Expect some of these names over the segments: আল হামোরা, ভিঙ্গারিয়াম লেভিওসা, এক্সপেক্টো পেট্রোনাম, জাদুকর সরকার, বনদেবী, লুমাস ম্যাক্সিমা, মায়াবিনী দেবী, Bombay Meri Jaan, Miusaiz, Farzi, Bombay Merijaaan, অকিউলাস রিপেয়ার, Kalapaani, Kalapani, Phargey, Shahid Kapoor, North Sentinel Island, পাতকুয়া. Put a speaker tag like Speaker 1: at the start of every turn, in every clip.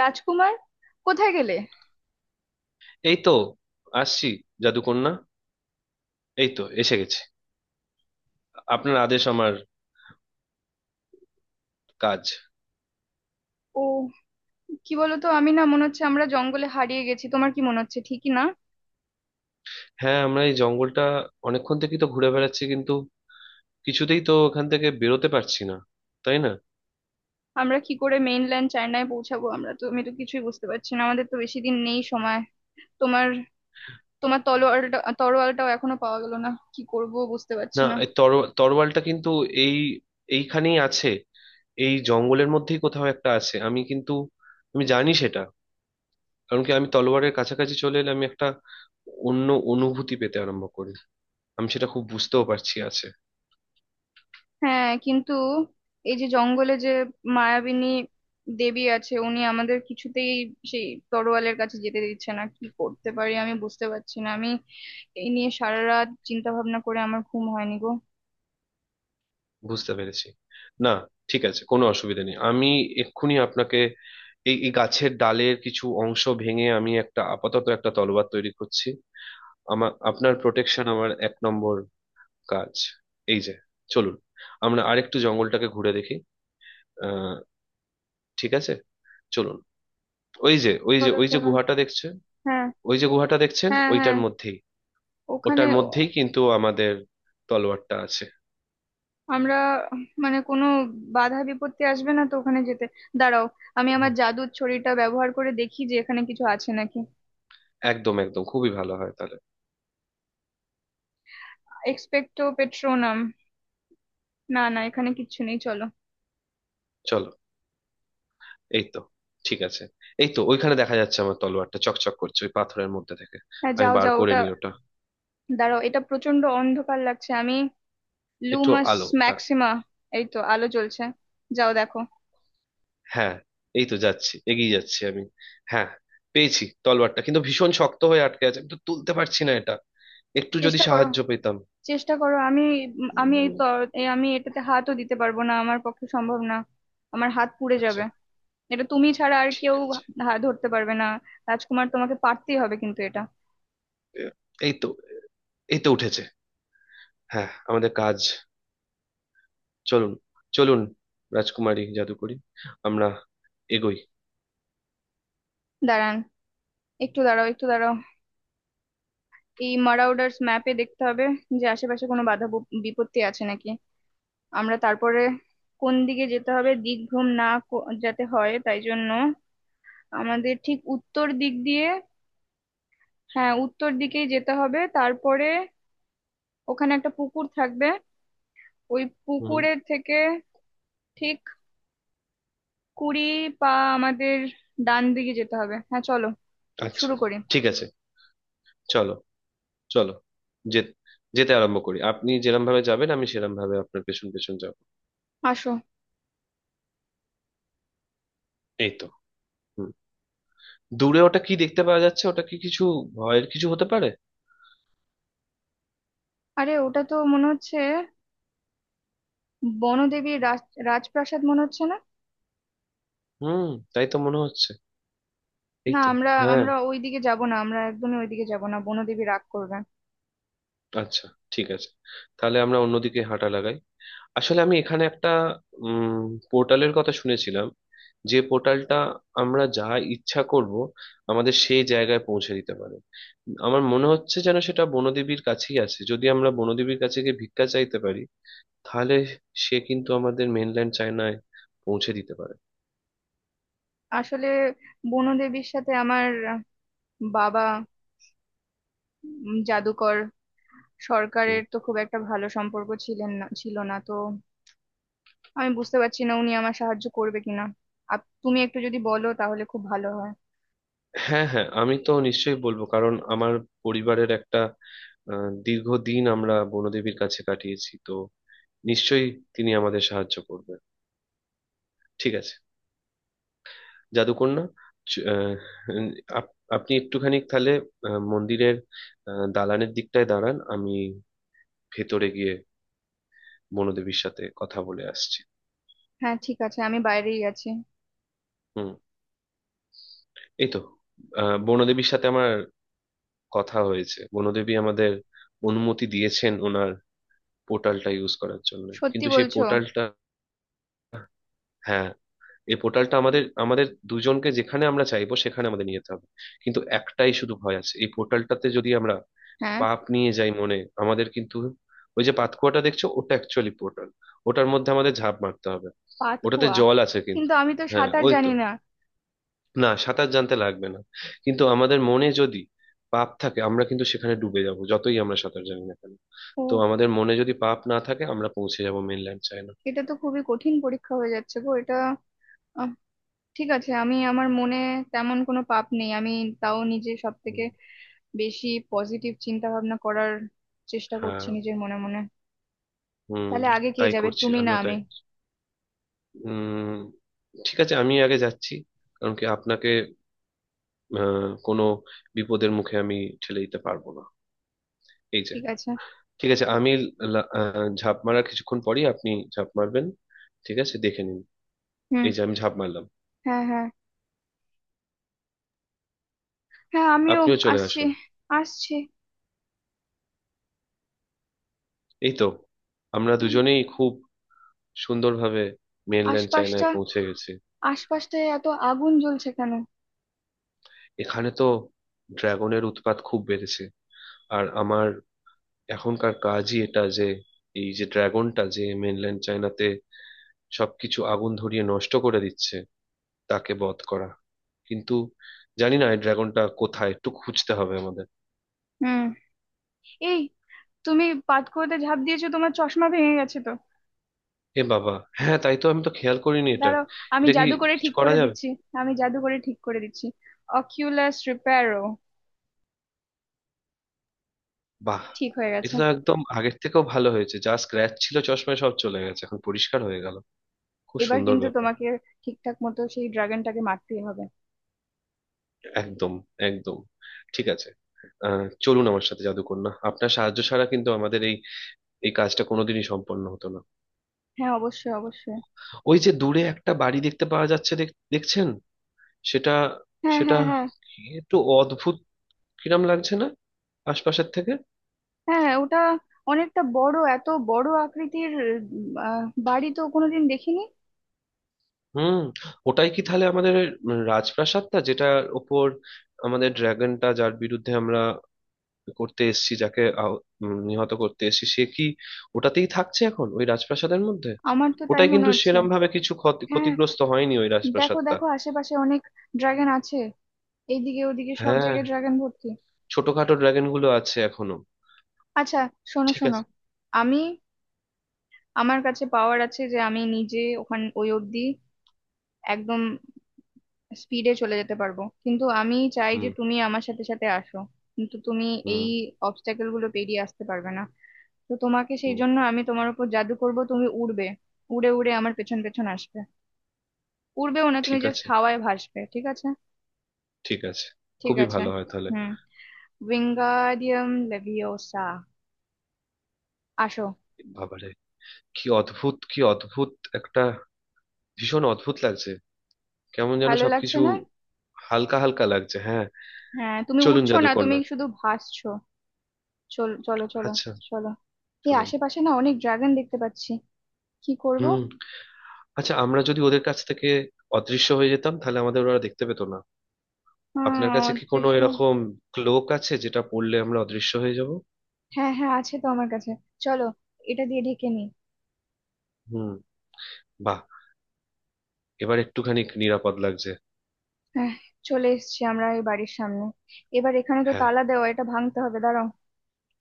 Speaker 1: রাজকুমার, কোথায় গেলে?
Speaker 2: এই তো আসছি, জাদুকন্যা। এই তো এসে গেছে। আপনার আদেশ আমার কাজ।
Speaker 1: ও, কি বলতো, আমি না মনে হচ্ছে আমরা জঙ্গলে হারিয়ে গেছি। তোমার কি মনে হচ্ছে, ঠিকই না?
Speaker 2: হ্যাঁ, আমরা এই জঙ্গলটা অনেকক্ষণ থেকেই তো ঘুরে বেড়াচ্ছি, কিন্তু কিছুতেই তো ওখান থেকে বেরোতে পারছি না, তাই না?
Speaker 1: আমরা কি করে মেইনল্যান্ড চায়নায় পৌঁছাবো? আমরা তো, আমি তো কিছুই বুঝতে পারছি না। আমাদের তো বেশি দিন নেই সময়। তোমার তোমার তলোয়ারটা, তরোয়ালটাও এখনো পাওয়া গেল না। কি করব বুঝতে পারছি
Speaker 2: না,
Speaker 1: না।
Speaker 2: এই তর তরোয়ালটা কিন্তু এই এইখানেই আছে। এই জঙ্গলের মধ্যেই কোথাও একটা আছে, আমি জানি সেটা। কারণ কি, আমি তলোয়ারের কাছাকাছি চলে এলে আমি একটা অন্য অনুভূতি পেতে আরম্ভ করি। আমি সেটা খুব বুঝতেও পারছি আছে।
Speaker 1: হ্যাঁ, কিন্তু এই যে জঙ্গলে যে মায়াবিনী দেবী আছে, উনি আমাদের কিছুতেই সেই তরোয়ালের কাছে যেতে দিচ্ছে না। কি করতে পারি আমি বুঝতে পারছি না। আমি এই নিয়ে সারা রাত চিন্তা ভাবনা করে আমার ঘুম হয়নি গো।
Speaker 2: বুঝতে পেরেছি। না, ঠিক আছে, কোনো অসুবিধা নেই। আমি এক্ষুনি আপনাকে এই এই গাছের ডালের কিছু অংশ ভেঙে আমি একটা আপাতত একটা তলোয়ার তৈরি করছি। আপনার প্রোটেকশন আমার এক নম্বর কাজ। এই যে, চলুন আমরা আরেকটু জঙ্গলটাকে ঘুরে দেখি। আহ ঠিক আছে, চলুন। ওই যে ওই যে
Speaker 1: চলো
Speaker 2: ওই যে
Speaker 1: চলো।
Speaker 2: গুহাটা দেখছেন?
Speaker 1: হ্যাঁ
Speaker 2: ওই যে গুহাটা দেখছেন,
Speaker 1: হ্যাঁ হ্যাঁ।
Speaker 2: ওইটার মধ্যেই
Speaker 1: ওখানে
Speaker 2: ওটার মধ্যেই কিন্তু আমাদের তলোয়ারটা আছে।
Speaker 1: আমরা মানে কোনো বাধা বিপত্তি আসবে না তো ওখানে যেতে? দাঁড়াও, আমি আমার
Speaker 2: হুম,
Speaker 1: জাদুর ছড়িটা ব্যবহার করে দেখি যে এখানে কিছু আছে নাকি।
Speaker 2: একদম একদম খুবই ভালো হয় তাহলে।
Speaker 1: এক্সপেক্টো পেট্রোনাম। না না, এখানে কিচ্ছু নেই, চলো।
Speaker 2: চলো। এই তো, ঠিক আছে। এই তো ওইখানে দেখা যাচ্ছে আমার তলোয়ারটা চকচক করছে ওই পাথরের মধ্যে থেকে।
Speaker 1: হ্যাঁ,
Speaker 2: আমি
Speaker 1: যাও
Speaker 2: বার
Speaker 1: যাও
Speaker 2: করে
Speaker 1: ওটা।
Speaker 2: নি ওটা।
Speaker 1: দাঁড়াও, এটা প্রচন্ড অন্ধকার লাগছে। আমি
Speaker 2: একটু
Speaker 1: লুমাস
Speaker 2: আলো, হ্যাঁ।
Speaker 1: ম্যাক্সিমা। এই তো আলো জ্বলছে, যাও দেখো।
Speaker 2: হ্যাঁ, এই তো যাচ্ছি, এগিয়ে যাচ্ছি আমি। হ্যাঁ, পেয়েছি তলোয়ারটা, কিন্তু ভীষণ শক্ত হয়ে আটকে আছে, আমি তো তুলতে পারছি না এটা। একটু যদি
Speaker 1: চেষ্টা করো,
Speaker 2: সাহায্য পেতাম।
Speaker 1: চেষ্টা করো। আমি আমি এই
Speaker 2: উম,
Speaker 1: তো এই আমি এটাতে হাতও দিতে পারবো না, আমার পক্ষে সম্ভব না। আমার হাত পুড়ে যাবে।
Speaker 2: আচ্ছা।
Speaker 1: এটা তুমি ছাড়া আর
Speaker 2: ঠিক
Speaker 1: কেউ
Speaker 2: আছে।
Speaker 1: ধরতে পারবে না। রাজকুমার, তোমাকে পারতেই হবে কিন্তু এটা।
Speaker 2: এ- এই তো এই তো উঠেছে। হ্যাঁ, আমাদের কাজ। চলুন, চলুন, রাজকুমারী জাদুকরি, আমরা এগোই।
Speaker 1: দাঁড়ান, একটু দাঁড়াও, একটু দাঁড়াও। এই মারাউডার্স ম্যাপে দেখতে হবে যে আশেপাশে কোনো বাধা বিপত্তি আছে নাকি, আমরা তারপরে কোন দিকে যেতে হবে। দিকভ্রম না যাতে হয় তাই জন্য আমাদের ঠিক উত্তর দিক দিয়ে, হ্যাঁ উত্তর দিকেই যেতে হবে। তারপরে ওখানে একটা পুকুর থাকবে, ওই
Speaker 2: হুম,
Speaker 1: পুকুরের থেকে ঠিক 20 পা আমাদের ডান দিকে যেতে হবে। হ্যাঁ চলো,
Speaker 2: আচ্ছা,
Speaker 1: শুরু করি।
Speaker 2: ঠিক আছে। চলো, চলো। যে যেতে আরম্ভ করি, আপনি যেরম ভাবে যাবেন আমি সেরম ভাবে আপনার পেছন পেছন যাব।
Speaker 1: আসো।
Speaker 2: এই তো। হুম দূরে ওটা কি দেখতে পাওয়া যাচ্ছে? ওটা কি কিছু ভয়ের কিছু হতে পারে?
Speaker 1: আরে ওটা তো মনে হচ্ছে বনদেবীর রাজ, রাজপ্রাসাদ মনে হচ্ছে না?
Speaker 2: হুম তাই তো মনে হচ্ছে। এই
Speaker 1: না,
Speaker 2: তো।
Speaker 1: আমরা,
Speaker 2: হ্যাঁ,
Speaker 1: আমরা ওই দিকে যাব না। আমরা একদমই ওইদিকে যাব না, বনদেবী রাগ করবে।
Speaker 2: আচ্ছা, ঠিক আছে, তাহলে আমরা অন্যদিকে হাঁটা লাগাই। আসলে আমি এখানে একটা উম পোর্টালের কথা শুনেছিলাম। যে পোর্টালটা, আমরা যা ইচ্ছা করব, আমাদের সেই জায়গায় পৌঁছে দিতে পারে। আমার মনে হচ্ছে যেন সেটা বনদেবীর কাছেই আছে। যদি আমরা বনদেবীর কাছে গিয়ে ভিক্ষা চাইতে পারি, তাহলে সে কিন্তু আমাদের মেনল্যান্ড চায়নায় পৌঁছে দিতে পারে।
Speaker 1: আসলে বনদেবীর সাথে আমার বাবা, জাদুকর সরকারের
Speaker 2: হুম।
Speaker 1: তো খুব একটা ভালো সম্পর্ক ছিলেন না, ছিল না তো। আমি বুঝতে পারছি না উনি আমার সাহায্য করবে কিনা। আপ, তুমি একটু যদি বলো তাহলে খুব ভালো হয়।
Speaker 2: হ্যাঁ, হ্যাঁ, আমি তো নিশ্চয়ই বলবো, কারণ আমার পরিবারের একটা, দীর্ঘদিন আমরা বনদেবীর কাছে কাটিয়েছি তো। নিশ্চয়ই তিনি আমাদের সাহায্য করবে। ঠিক আছে, জাদুকন্যা। চ- আহ, আপনি একটুখানি তাহলে মন্দিরের দালানের দিকটায় দাঁড়ান। আমি ভেতরে গিয়ে বনদেবীর সাথে কথা বলে আসছি।
Speaker 1: হ্যাঁ ঠিক আছে, আমি বাইরেই আছি।
Speaker 2: হুম। এই তো। বনদেবীর সাথে আমার কথা হয়েছে। বনদেবী আমাদের অনুমতি দিয়েছেন ওনার পোর্টালটা ইউজ করার জন্য,
Speaker 1: সত্যি
Speaker 2: কিন্তু সেই
Speaker 1: বলছো?
Speaker 2: পোর্টালটা। হ্যাঁ, এই পোর্টালটা আমাদের আমাদের দুজনকে যেখানে আমরা চাইবো সেখানে আমাদের নিয়ে যেতে হবে। কিন্তু একটাই শুধু ভয় আছে, এই পোর্টালটাতে যদি আমরা
Speaker 1: হ্যাঁ।
Speaker 2: পাপ নিয়ে যাই মনে, আমাদের কিন্তু, ওই যে পাতকুয়াটা দেখছো, ওটা অ্যাকচুয়ালি পোর্টাল। ওটার মধ্যে আমাদের ঝাঁপ মারতে হবে। ওটাতে
Speaker 1: পাতকুয়া?
Speaker 2: জল আছে কিন্তু।
Speaker 1: কিন্তু আমি তো
Speaker 2: হ্যাঁ,
Speaker 1: সাঁতার
Speaker 2: ওই তো।
Speaker 1: জানি না।
Speaker 2: না, সাঁতার জানতে লাগবে না। কিন্তু আমাদের মনে যদি পাপ থাকে, আমরা কিন্তু সেখানে ডুবে যাব, যতই আমরা সাঁতার জানি না কেন।
Speaker 1: ও।
Speaker 2: তো আমাদের মনে যদি পাপ না থাকে, আমরা পৌঁছে যাব মেনল্যান্ড চায়না।
Speaker 1: এটা তো খুবই কঠিন পরীক্ষা হয়ে যাচ্ছে গো এটা। আহ, ঠিক আছে, আমি, আমার মনে তেমন কোনো পাপ নেই। আমি তাও নিজে সব থেকে
Speaker 2: হুম।
Speaker 1: বেশি পজিটিভ চিন্তা ভাবনা করার চেষ্টা
Speaker 2: হ্যাঁ,
Speaker 1: করছি নিজের মনে মনে।
Speaker 2: হুম,
Speaker 1: তাহলে আগে কে
Speaker 2: তাই
Speaker 1: যাবে,
Speaker 2: করছি,
Speaker 1: তুমি না
Speaker 2: আমিও
Speaker 1: আমি?
Speaker 2: তাই। উম ঠিক আছে, আমি আগে যাচ্ছি। কারণ কি আপনাকে কোনো বিপদের মুখে আমি ঠেলে দিতে পারবো না। এই যে।
Speaker 1: ঠিক আছে।
Speaker 2: ঠিক আছে, আমি ঝাঁপ মারার কিছুক্ষণ পরই আপনি ঝাঁপ মারবেন। ঠিক আছে, দেখে নিন।
Speaker 1: হুম।
Speaker 2: এই যে আমি ঝাঁপ মারলাম।
Speaker 1: হ্যাঁ হ্যাঁ হ্যাঁ, আমিও
Speaker 2: আপনিও চলে
Speaker 1: আসছি,
Speaker 2: আসুন।
Speaker 1: আসছি।
Speaker 2: এই তো, আমরা
Speaker 1: হুম,
Speaker 2: দুজনেই খুব সুন্দরভাবে মেনল্যান্ড
Speaker 1: আশপাশটা,
Speaker 2: চায়নায় পৌঁছে গেছি।
Speaker 1: আশপাশটায় এত আগুন জ্বলছে কেন?
Speaker 2: এখানে তো ড্রাগনের উৎপাত খুব বেড়েছে। আর আমার এখনকার কাজই এটা, যে এই যে ড্রাগনটা যে মেনল্যান্ড চায়নাতে সবকিছু আগুন ধরিয়ে নষ্ট করে দিচ্ছে, তাকে বধ করা। কিন্তু জানি না এই ড্রাগনটা কোথায়, একটু খুঁজতে হবে আমাদের।
Speaker 1: হুম। এই, তুমি পাতকুয়োতে ঝাঁপ দিয়েছো, তোমার চশমা ভেঙে গেছে তো।
Speaker 2: এ বাবা, হ্যাঁ, তাই তো, আমি তো খেয়াল করিনি এটা।
Speaker 1: দাঁড়াও, আমি
Speaker 2: এটা কি
Speaker 1: জাদু করে
Speaker 2: কিছু
Speaker 1: ঠিক
Speaker 2: করা
Speaker 1: করে
Speaker 2: যাবে?
Speaker 1: দিচ্ছি। আমি জাদু করে ঠিক করে দিচ্ছি। অকিউলাস রিপেয়ারও।
Speaker 2: বাহ!
Speaker 1: ঠিক হয়ে গেছে।
Speaker 2: এটা তো একদম আগের থেকেও ভালো হয়েছে, যা স্ক্র্যাচ ছিল চশমায় সব চলে গেছে, এখন পরিষ্কার হয়ে গেল। খুব
Speaker 1: এবার
Speaker 2: সুন্দর
Speaker 1: কিন্তু
Speaker 2: ব্যাপার।
Speaker 1: তোমাকে ঠিকঠাক মতো সেই ড্রাগনটাকে মারতেই হবে।
Speaker 2: একদম, একদম, ঠিক আছে। চলুন আমার সাথে, জাদুকন্যা। আপনার সাহায্য ছাড়া কিন্তু আমাদের এই এই কাজটা কোনোদিনই সম্পন্ন হতো না।
Speaker 1: হ্যাঁ অবশ্যই, অবশ্যই।
Speaker 2: ওই যে দূরে একটা বাড়ি দেখতে পাওয়া যাচ্ছে, দেখছেন? সেটা,
Speaker 1: হ্যাঁ
Speaker 2: সেটা
Speaker 1: হ্যাঁ হ্যাঁ।
Speaker 2: কি একটু অদ্ভুত কিরম লাগছে না আশপাশের থেকে?
Speaker 1: হ্যাঁ, ওটা অনেকটা বড়, এত বড় আকৃতির উম, আহ, বাড়ি তো কোনোদিন দেখিনি।
Speaker 2: হুম। ওটাই কি তাহলে আমাদের রাজপ্রাসাদটা, যেটার ওপর আমাদের ড্রাগনটা, যার বিরুদ্ধে আমরা করতে এসছি, যাকে নিহত করতে এসছি, সে কি ওটাতেই থাকছে এখন, ওই রাজপ্রাসাদের মধ্যে?
Speaker 1: আমার তো তাই
Speaker 2: ওটাই
Speaker 1: মনে
Speaker 2: কিন্তু
Speaker 1: হচ্ছে।
Speaker 2: সেরম ভাবে কিছু
Speaker 1: হ্যাঁ,
Speaker 2: ক্ষতিগ্রস্ত হয়নি ওই
Speaker 1: দেখো
Speaker 2: রাজপ্রাসাদটা।
Speaker 1: দেখো আশেপাশে অনেক ড্রাগন আছে। এইদিকে ওদিকে সব
Speaker 2: হ্যাঁ,
Speaker 1: জায়গায় ড্রাগন ভর্তি।
Speaker 2: ছোটখাটো ড্রাগন গুলো আছে এখনো।
Speaker 1: আচ্ছা, শোনো
Speaker 2: ঠিক
Speaker 1: শোনো।
Speaker 2: আছে।
Speaker 1: আমি, আমার কাছে পাওয়ার আছে যে আমি নিজে ওখান, ওই অবধি একদম স্পিডে চলে যেতে পারবো, কিন্তু আমি চাই যে
Speaker 2: হুম।
Speaker 1: তুমি আমার সাথে সাথে আসো। কিন্তু তুমি এই
Speaker 2: হুম।
Speaker 1: অবস্ট্যাকেল গুলো পেরিয়ে আসতে পারবে না। তো তোমাকে সেই
Speaker 2: হুম।
Speaker 1: জন্য আমি তোমার উপর জাদু করব, তুমি উড়বে। উড়ে উড়ে আমার পেছন পেছন আসবে। উড়বেও না, তুমি
Speaker 2: ঠিক
Speaker 1: জাস্ট
Speaker 2: আছে।
Speaker 1: হাওয়ায় ভাসবে, ঠিক আছে?
Speaker 2: ঠিক আছে,
Speaker 1: ঠিক
Speaker 2: খুবই
Speaker 1: আছে।
Speaker 2: ভালো হয় তাহলে।
Speaker 1: হুম। ভিঙ্গারিয়াম লেভিওসা। আসো।
Speaker 2: বাবারে! কি অদ্ভুত, কি অদ্ভুত! একটা ভীষণ অদ্ভুত লাগছে, কেমন যেন
Speaker 1: ভালো লাগছে
Speaker 2: সবকিছু
Speaker 1: না?
Speaker 2: হালকা হালকা লাগছে, হ্যাঁ।
Speaker 1: হ্যাঁ, তুমি
Speaker 2: চলুন,
Speaker 1: উড়ছো না, তুমি
Speaker 2: জাদুকরনাথ।
Speaker 1: শুধু ভাসছো। চলো চলো চলো।
Speaker 2: আচ্ছা।
Speaker 1: চলো, এই
Speaker 2: চলুন।
Speaker 1: আশেপাশে না অনেক ড্রাগন দেখতে পাচ্ছি। কি করবো?
Speaker 2: হুম, আচ্ছা, আমরা যদি ওদের কাছ থেকে অদৃশ্য হয়ে যেতাম, তাহলে আমাদের ওরা দেখতে পেতো না। আপনার কাছে কি কোনো
Speaker 1: দৃশ্য।
Speaker 2: এরকম ক্লোক আছে, যেটা পড়লে আমরা অদৃশ্য হয়ে যাব?
Speaker 1: হ্যাঁ হ্যাঁ, আছে তো আমার কাছে। চলো, এটা দিয়ে ঢেকে নি।
Speaker 2: হুম। বাহ! এবার একটুখানি নিরাপদ লাগছে।
Speaker 1: হ্যাঁ, চলে এসেছি আমরা এই বাড়ির সামনে। এবার এখানে তো
Speaker 2: হ্যাঁ,
Speaker 1: তালা দেওয়া, এটা ভাঙতে হবে, দাঁড়াও।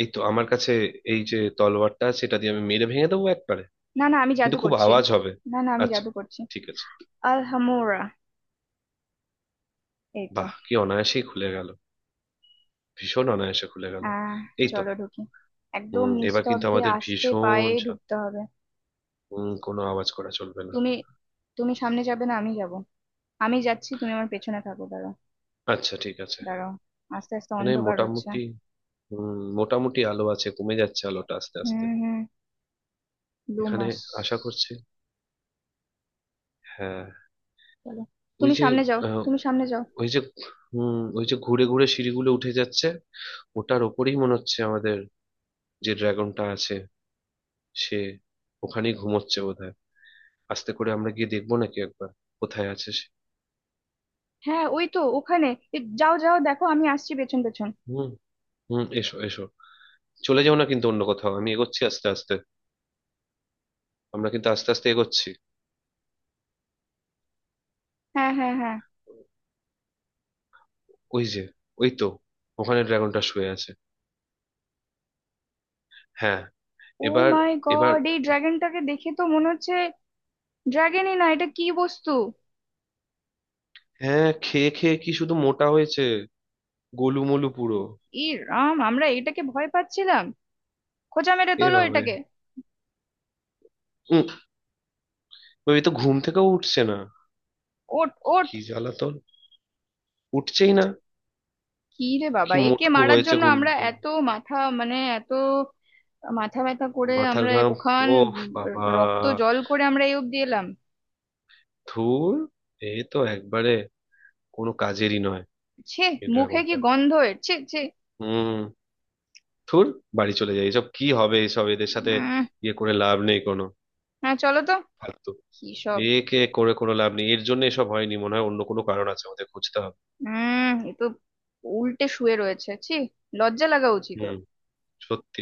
Speaker 2: এই তো আমার কাছে এই যে তলোয়ারটা আছে, এটা দিয়ে আমি মেরে ভেঙে দেবো একবারে।
Speaker 1: না না, আমি জাদু
Speaker 2: কিন্তু খুব
Speaker 1: করছি।
Speaker 2: আওয়াজ হবে।
Speaker 1: না না, আমি
Speaker 2: আচ্ছা,
Speaker 1: জাদু করছি।
Speaker 2: ঠিক আছে।
Speaker 1: আল হামোরা। এই তো।
Speaker 2: বাহ, কি অনায়াসেই খুলে গেল! ভীষণ অনায়াসে খুলে গেল।
Speaker 1: আহ,
Speaker 2: এই তো।
Speaker 1: চলো ঢুকি। একদম
Speaker 2: এবার কিন্তু
Speaker 1: নিস্তব্ধে
Speaker 2: আমাদের
Speaker 1: আস্তে
Speaker 2: ভীষণ
Speaker 1: পায়ে
Speaker 2: সাব-
Speaker 1: ঢুকতে হবে।
Speaker 2: হুম কোনো আওয়াজ করা চলবে না।
Speaker 1: তুমি তুমি সামনে যাবে না, আমি যাব। আমি যাচ্ছি, তুমি আমার পেছনে থাকো, দাঁড়াও।
Speaker 2: আচ্ছা, ঠিক আছে।
Speaker 1: দাঁড়াও, আস্তে আস্তে
Speaker 2: মানে
Speaker 1: অন্ধকার হচ্ছে।
Speaker 2: মোটামুটি, মোটামুটি আলো আছে, কমে যাচ্ছে আলোটা আস্তে আস্তে।
Speaker 1: হুম হুম। দু
Speaker 2: এখানে
Speaker 1: মাস
Speaker 2: আশা করছি, হ্যাঁ।
Speaker 1: চলো,
Speaker 2: ওই
Speaker 1: তুমি
Speaker 2: যে,
Speaker 1: সামনে যাও,
Speaker 2: আহ,
Speaker 1: তুমি সামনে যাও।
Speaker 2: ওই যে, ওই যে ঘুরে ঘুরে সিঁড়িগুলো উঠে যাচ্ছে। ওটার ওপরেই মনে হচ্ছে আমাদের যে ড্রাগনটা আছে, সে ওখানেই ঘুমোচ্ছে বোধহয়। আস্তে করে আমরা গিয়ে দেখবো নাকি একবার কোথায় আছে সে?
Speaker 1: হ্যাঁ, ওই তো ওখানে। এ, যাও যাও দেখো, আমি আসছি পেছন পেছন।
Speaker 2: হুম। হুম, এসো, এসো। চলে যাও না কিন্তু অন্য কোথাও, আমি এগোচ্ছি আস্তে আস্তে। আমরা কিন্তু আস্তে আস্তে এগোচ্ছি।
Speaker 1: হ্যাঁ হ্যাঁ হ্যাঁ।
Speaker 2: ওই যে, ওই তো ওখানে ড্রাগনটা শুয়ে আছে। হ্যাঁ।
Speaker 1: ও
Speaker 2: এবার।
Speaker 1: মাই
Speaker 2: এবার।
Speaker 1: গড, এই ড্রাগনটাকে দেখে তো মনে হচ্ছে ড্রাগনই না এটা, কি বস্তু!
Speaker 2: হ্যাঁ, খেয়ে খেয়ে কি শুধু মোটা হয়েছে, গোলুমোলু পুরো।
Speaker 1: ই রাম, আমরা এটাকে ভয় পাচ্ছিলাম! খোঁচা মেরে
Speaker 2: এ
Speaker 1: তোলো
Speaker 2: ভাবে,
Speaker 1: এটাকে।
Speaker 2: উম, ওই তো ঘুম থেকেও উঠছে না।
Speaker 1: ওট ওট।
Speaker 2: কি জ্বালাতন, উঠছেই না।
Speaker 1: কি রে বাবা,
Speaker 2: কি
Speaker 1: একে
Speaker 2: মোটকু
Speaker 1: মারার
Speaker 2: হয়েছে,
Speaker 1: জন্য
Speaker 2: ঘুম
Speaker 1: আমরা
Speaker 2: পুরো।
Speaker 1: এত মাথা, মানে এত মাথা ব্যথা করে
Speaker 2: মাথার
Speaker 1: আমরা
Speaker 2: ঘাম।
Speaker 1: ওখান,
Speaker 2: ও
Speaker 1: উম,
Speaker 2: বাবা।
Speaker 1: রক্ত জল করে আমরা এই অব্দি এলাম!
Speaker 2: ধুর, এ তো একবারে কোনো কাজেরই নয়
Speaker 1: ছে,
Speaker 2: এই
Speaker 1: মুখে কি
Speaker 2: ড্রাগনটা।
Speaker 1: গন্ধ এর, ছে ছে।
Speaker 2: হুম, ধুর, বাড়ি চলে যাই, এসব কি হবে এসব এদের সাথে।
Speaker 1: উম।
Speaker 2: ইয়ে করে লাভ নেই কোনো।
Speaker 1: হ্যাঁ চলো তো।
Speaker 2: ফালতু।
Speaker 1: কি সব।
Speaker 2: একে করে কোনো লাভ নেই, এর জন্য এসব হয়নি মনে হয়, অন্য কোনো কারণ আছে, আমাদের খুঁজতে হবে।
Speaker 1: উম, এ তো উল্টে শুয়ে রয়েছে, ছি। লজ্জা লাগা উচিত
Speaker 2: হুম।
Speaker 1: ওর।
Speaker 2: সত্যি।